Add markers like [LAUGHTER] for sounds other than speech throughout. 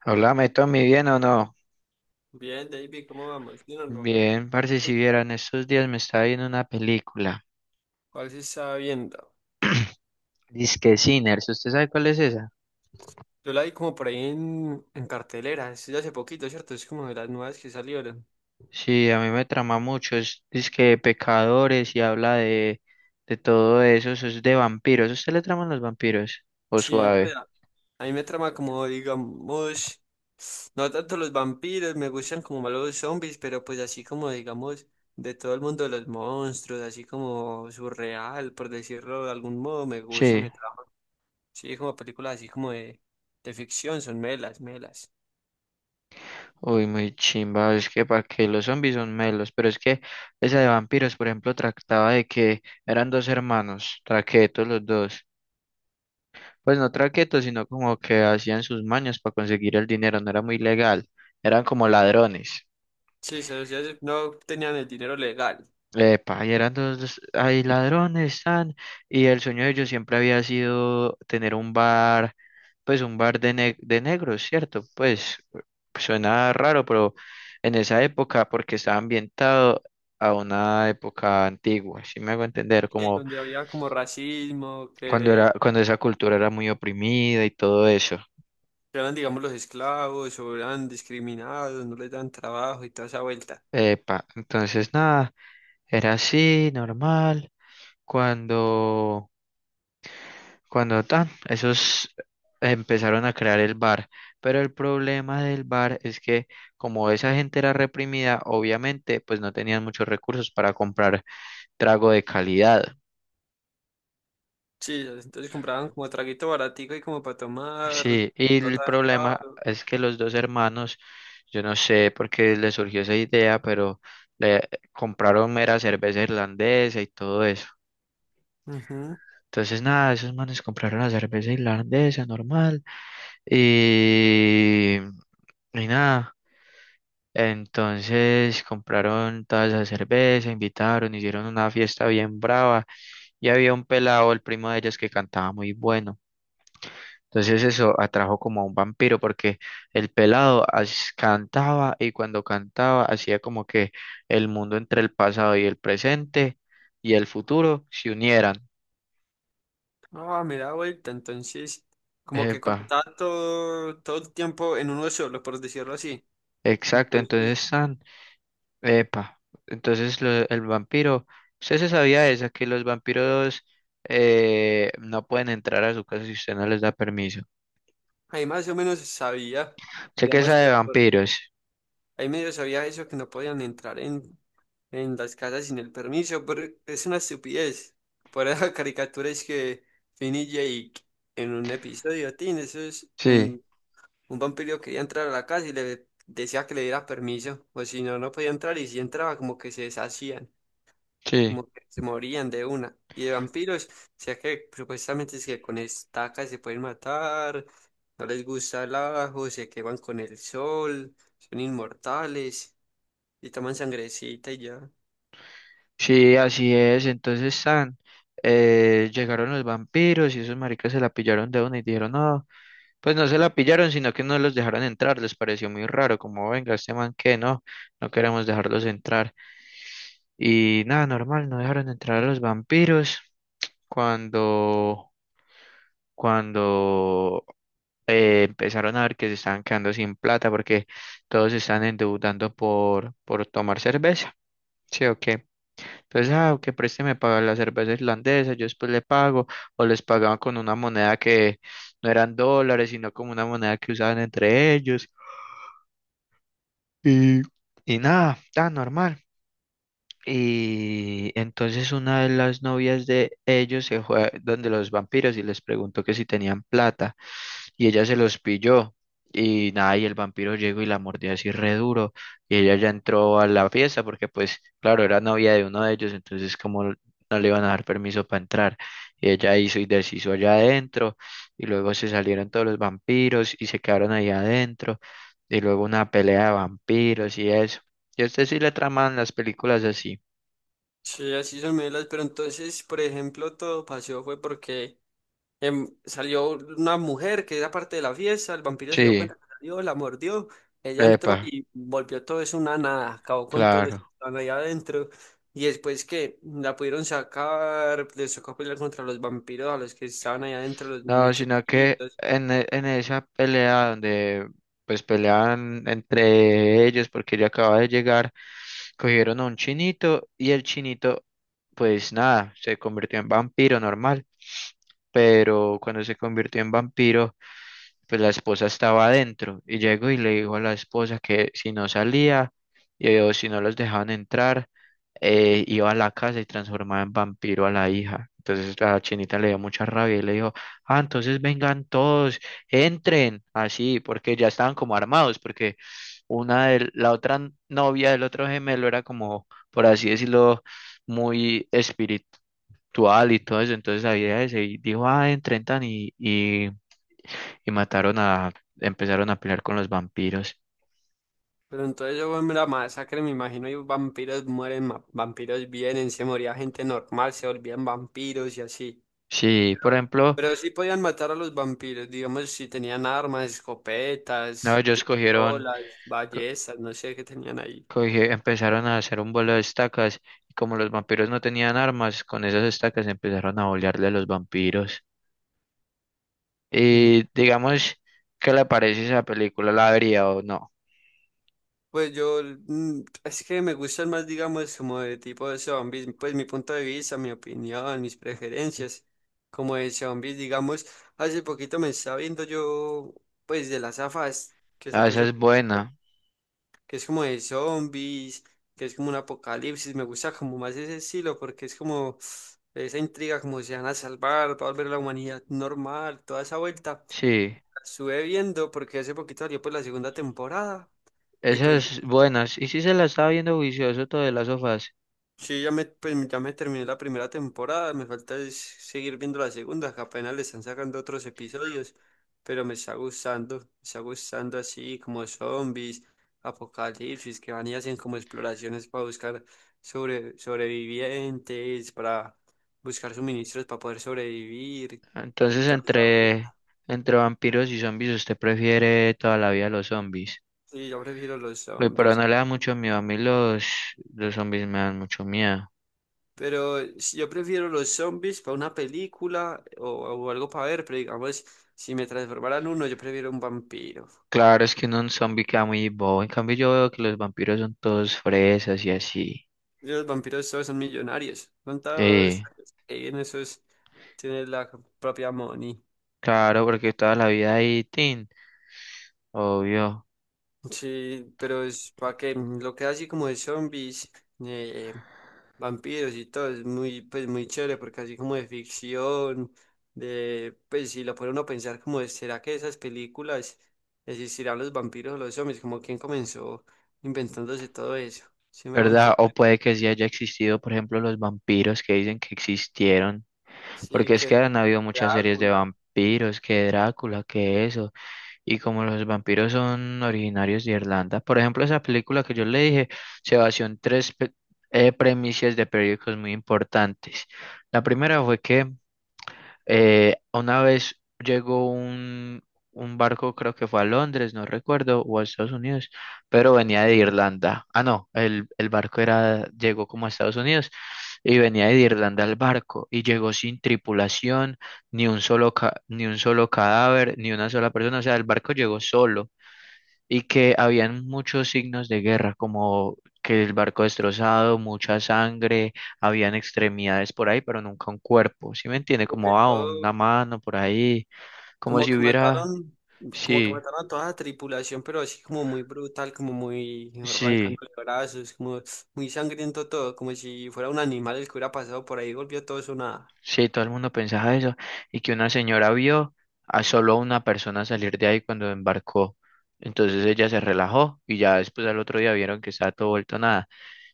Háblame, Tommy, ¿bien o no? Bien, David, ¿cómo vamos? ¿Bien o no? Bien, parce, si Sí. vieran, estos días me estaba viendo una película. ¿Cuál se está viendo? Disque Sinners, ¿usted sabe cuál es esa? Yo la vi como por ahí en cartelera, es de hace poquito, ¿cierto? Es como de las nuevas que salieron. Sí, a mí me trama mucho, es disque pecadores y habla de todo eso, eso es de vampiros. ¿A ¿Usted le traman los vampiros? ¿O Sí, pues suave? a mí me trama como, digamos, no tanto los vampiros, me gustan como más los zombies, pero pues así como, digamos, de todo el mundo de los monstruos, así como surreal, por decirlo de algún modo, me gusta, Sí, me trama. Sí, como películas así como de ficción, son melas, melas. uy, muy chimba, es que para que los zombies son melos, pero es que esa de vampiros, por ejemplo, trataba de que eran dos hermanos, traquetos los dos. Pues no traquetos, sino como que hacían sus mañas para conseguir el dinero, no era muy legal, eran como ladrones. Sí, se los- ya se- no tenían el dinero legal. Epa, y eran dos, hay ladrones, tan, y el sueño de ellos siempre había sido tener un bar, pues un bar de negros, ¿cierto? Pues suena raro, pero en esa época, porque estaba ambientado a una época antigua, si me hago entender, Sí, como donde había como racismo, que cuando esa cultura era muy oprimida y todo eso. eran, digamos, los esclavos o eran discriminados, no les dan trabajo y toda esa vuelta. Epa, entonces nada. Era así, normal. Cuando, cuando tan, esos empezaron a crear el bar. Pero el problema del bar es que como esa gente era reprimida, obviamente, pues no tenían muchos recursos para comprar trago de calidad. Sí, entonces compraban como traguito baratico y como para tomar, Sí, y no el tan problema caro. es que los dos hermanos, yo no sé por qué les surgió esa idea, pero le compraron mera cerveza irlandesa y todo eso. Ujú. Entonces, nada, esos manes compraron la cerveza irlandesa normal. Y, y nada, entonces compraron toda esa cerveza, invitaron, hicieron una fiesta bien brava y había un pelado, el primo de ellos, que cantaba muy bueno. Entonces eso atrajo como a un vampiro porque el pelado cantaba, y cuando cantaba hacía como que el mundo entre el pasado y el presente y el futuro se unieran. Ah, me da vuelta, entonces como que Epa, conectaba todo, todo el tiempo en uno solo, por decirlo así. exacto. Entonces, entonces... tan, Epa, entonces lo- El vampiro, usted se sabía esa, que los vampiros no pueden entrar a su casa si usted no les da permiso. ahí más o menos sabía, Sé que digamos, esa de vampiros. ahí medio sabía eso que no podían entrar en las casas sin el permiso, pero es una estupidez. Por esas caricaturas [LAUGHS] que Finn y Jake en un episodio, Tin, eso es Sí, un vampiro quería entrar a la casa y le decía que le diera permiso, o si no, no podía entrar y si entraba como que se deshacían, sí. como que se morían de una. Y de vampiros, o sea que supuestamente es que con estacas se pueden matar, no les gusta el ajo, se queman con el sol, son inmortales y toman sangrecita y ya. Sí, así es. Llegaron los vampiros y esos maricas se la pillaron de una y dijeron, no, pues no se la pillaron, sino que no los dejaron entrar. Les pareció muy raro, como, venga, este man que no, no queremos dejarlos entrar. Y nada, normal, no dejaron entrar a los vampiros cuando... cuando empezaron a ver que se estaban quedando sin plata porque todos se están endeudando por tomar cerveza. Sí, ok. Entonces, ah, que présteme para la cerveza irlandesa, yo después le pago, o les pagaban con una moneda que no eran dólares, sino como una moneda que usaban entre ellos. Y, y nada, tan normal. Y entonces una de las novias de ellos se fue donde los vampiros y les preguntó que si tenían plata. Y ella se los pilló. Y nada, y el vampiro llegó y la mordió así re duro. Y ella ya entró a la fiesta porque pues, claro, era novia de uno de ellos, entonces como no le iban a dar permiso para entrar. Y ella hizo y deshizo allá adentro. Y luego se salieron todos los vampiros y se quedaron ahí adentro. Y luego una pelea de vampiros y eso. Yo a usted sí le traman las películas así. Sí, así son melas, pero entonces, por ejemplo, todo pasó fue porque salió una mujer que era parte de la fiesta, el vampiro se dio Sí, cuenta que salió, la mordió, ella epa, entró y volvió todo eso una nada, acabó con todo lo que claro. estaban ahí adentro, y después que la pudieron sacar, les tocó pelear contra los vampiros, a los que estaban ahí adentro, los No, sino que nichecitos, en esa pelea donde pues peleaban entre ellos porque ella acaba de llegar, cogieron a un chinito y el chinito pues nada, se convirtió en vampiro normal. Pero cuando se convirtió en vampiro, pues la esposa estaba adentro y llegó y le dijo a la esposa que si no salía, o si no los dejaban entrar, iba a la casa y transformaba en vampiro a la hija. Entonces la chinita le dio mucha rabia y le dijo, ah, entonces vengan todos, entren, así, porque ya estaban como armados, porque una de la otra novia del otro gemelo era como, por así decirlo, muy espiritual y todo eso, entonces había ese y dijo, ah, entren tan y mataron a, empezaron a pelear con los vampiros. pero entonces eso fue la masacre, me imagino, y vampiros mueren, vampiros vienen, se moría gente normal, se volvían vampiros y así. Sí, por ejemplo, Pero sí podían matar a los vampiros, digamos, si tenían armas, no, escopetas, ellos pistolas, co- ballestas, no sé qué tenían ahí. Empezaron a hacer un vuelo de estacas, y como los vampiros no tenían armas, con esas estacas empezaron a bolearle a los vampiros. Ujú. Y digamos, ¿qué le parece esa película? ¿La vería o no? Pues yo, es que me gustan más, digamos, como de tipo de zombies, pues mi punto de vista, mi opinión, mis preferencias, como de zombies, digamos, hace poquito me estaba viendo yo, pues de las afas que Ah, salió esa hace es poquito, buena, que es como de zombies, que es como un apocalipsis. Me gusta como más ese estilo porque es como esa intriga, como se van a salvar, va a volver la humanidad normal, toda esa vuelta. sí, La estuve viendo porque hace poquito salió pues la segunda temporada y pues esas buenas. Y sí, sí se la estaba viendo vicioso todo de las sofás. sí, ya me, pues, ya me terminé la primera temporada, me falta es seguir viendo la segunda, que apenas le están sacando otros episodios, pero me está gustando así como zombies, apocalipsis, que van y hacen como exploraciones para buscar sobrevivientes, para buscar suministros para poder sobrevivir y Entonces, toda esa entre, vuelta. entre vampiros y zombies, ¿usted prefiere toda la vida los zombies? Sí, yo prefiero los Pero zombies. no le da mucho miedo. A mí los zombies me dan mucho miedo. Pero si yo prefiero los zombies para una película o algo para ver, pero digamos, si me transformaran uno, yo prefiero un vampiro. Claro, es que uno un zombie queda muy bobo. En cambio, yo veo que los vampiros son todos fresas y así. Y los vampiros todos son millonarios. Son todos Eh, en esos tienen la propia money. claro, porque toda la vida hay tin, obvio. Sí, pero es para que ujú, lo que así como de zombies, eh, eh, vampiros y todo, es muy, pues muy chévere porque así como de ficción, pues si lo pone uno a pensar como de, ¿será que esas películas existirán los vampiros o los zombies? Como quién comenzó inventándose todo eso, ¿sí me hago ¿Verdad? O entender? puede que sí haya existido, por ejemplo, los vampiros que dicen que existieron. Sí, Porque es que que han habido muchas series de Drácula, vampiros, que Drácula, que eso. Y como los vampiros son originarios de Irlanda, por ejemplo, esa película que yo le dije se basó en tres premisas de periódicos muy importantes. La primera fue que una vez llegó un barco, creo que fue a Londres, no recuerdo, o a Estados Unidos, pero venía de Irlanda. Ah, no, el barco era, llegó como a Estados Unidos y venía de Irlanda el barco y llegó sin tripulación, ni un solo cadáver, ni una sola persona. O sea, el barco llegó solo y que habían muchos signos de guerra, como que el barco destrozado, mucha sangre, habían extremidades por ahí, pero nunca un cuerpo, ¿sí me entiende? como que Como ah, todo. una mano por ahí, como Como si que hubiera... mataron, como que Sí, mataron a toda la tripulación, pero así como muy brutal, como muy sí, arrancándole brazos, como muy sangriento todo, como si fuera un animal el que hubiera pasado por ahí y volvió todo eso nada. sí, todo el mundo pensaba eso, y que una señora vio a solo una persona salir de ahí cuando embarcó. Entonces ella se relajó y ya después al otro día vieron que estaba todo vuelto nada.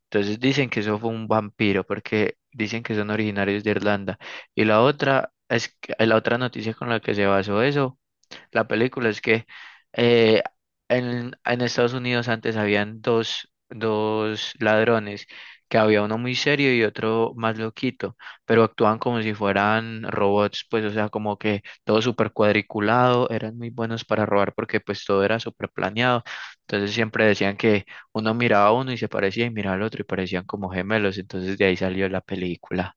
Entonces dicen que eso fue un vampiro porque dicen que son originarios de Irlanda. Y la otra noticia con la que se basó eso la película es que eh, en Estados Unidos antes habían dos ladrones, que había uno muy serio y otro más loquito, pero actuaban como si fueran robots, pues o sea, como que todo súper cuadriculado, eran muy buenos para robar porque pues todo era súper planeado, entonces siempre decían que uno miraba a uno y se parecía y miraba al otro y parecían como gemelos, entonces de ahí salió la película.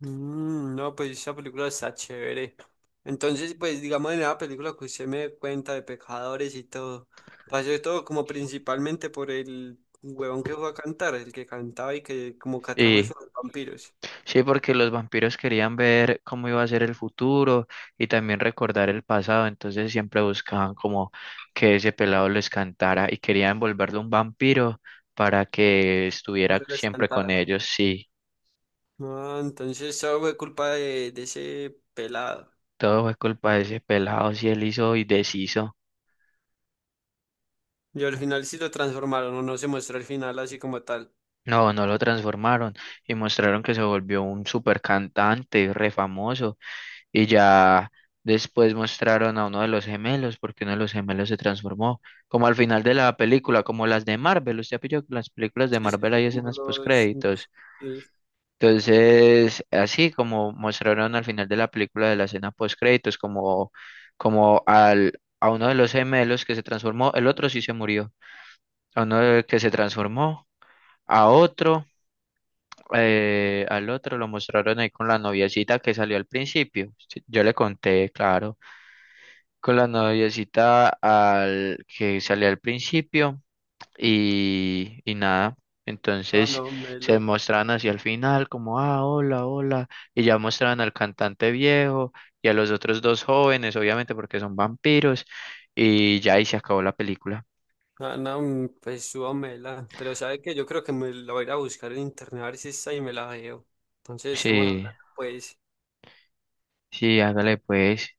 Mm, no, pues esa película está chévere. Entonces, pues digamos en la película que usted me dé cuenta de pecadores y todo, pasó todo como principalmente por el huevón que fue a cantar, el que cantaba y que como que atrajo Sí. eso a los vampiros, Sí, porque los vampiros querían ver cómo iba a ser el futuro y también recordar el pasado, entonces siempre buscaban como que ese pelado les cantara y querían volverlo un vampiro para que estuviera que les siempre con cantara. ellos. Sí, Ah, entonces eso fue culpa de ese pelado. todo fue culpa de ese pelado, si él hizo y deshizo. Y al final sí lo transformaron, o no se muestra el final así como tal. No, no lo transformaron y mostraron que se volvió un super cantante, re famoso. Y ya después mostraron a uno de los gemelos, porque uno de los gemelos se transformó, como al final de la película, como las de Marvel. Usted pilló que las películas de Sí, sí, Marvel sí, hay como escenas los... postcréditos. sí. Entonces, así como mostraron al final de la película de la escena postcréditos, como, como al, a uno de los gemelos que se transformó, el otro sí se murió, a uno de- que se transformó, a otro. Al otro lo mostraron ahí con la noviecita que salió al principio. Sí, yo le conté, claro. Con la noviecita al que salía al principio y nada. Ah, Entonces no, se melo. mostraban hacia el final como, ah, hola, hola. Y ya mostraban al cantante viejo y a los otros dos jóvenes, obviamente porque son vampiros. Y ya ahí se acabó la película. Ah, no, pues súbamela. Pero sabe que yo creo que me la voy a ir a buscar en internet a ver si está y me la veo. Entonces estamos Sí, hablando, pues. sí, hágale pues.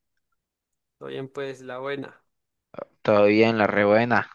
Todo bien, pues, la buena. Todavía en la rebuena.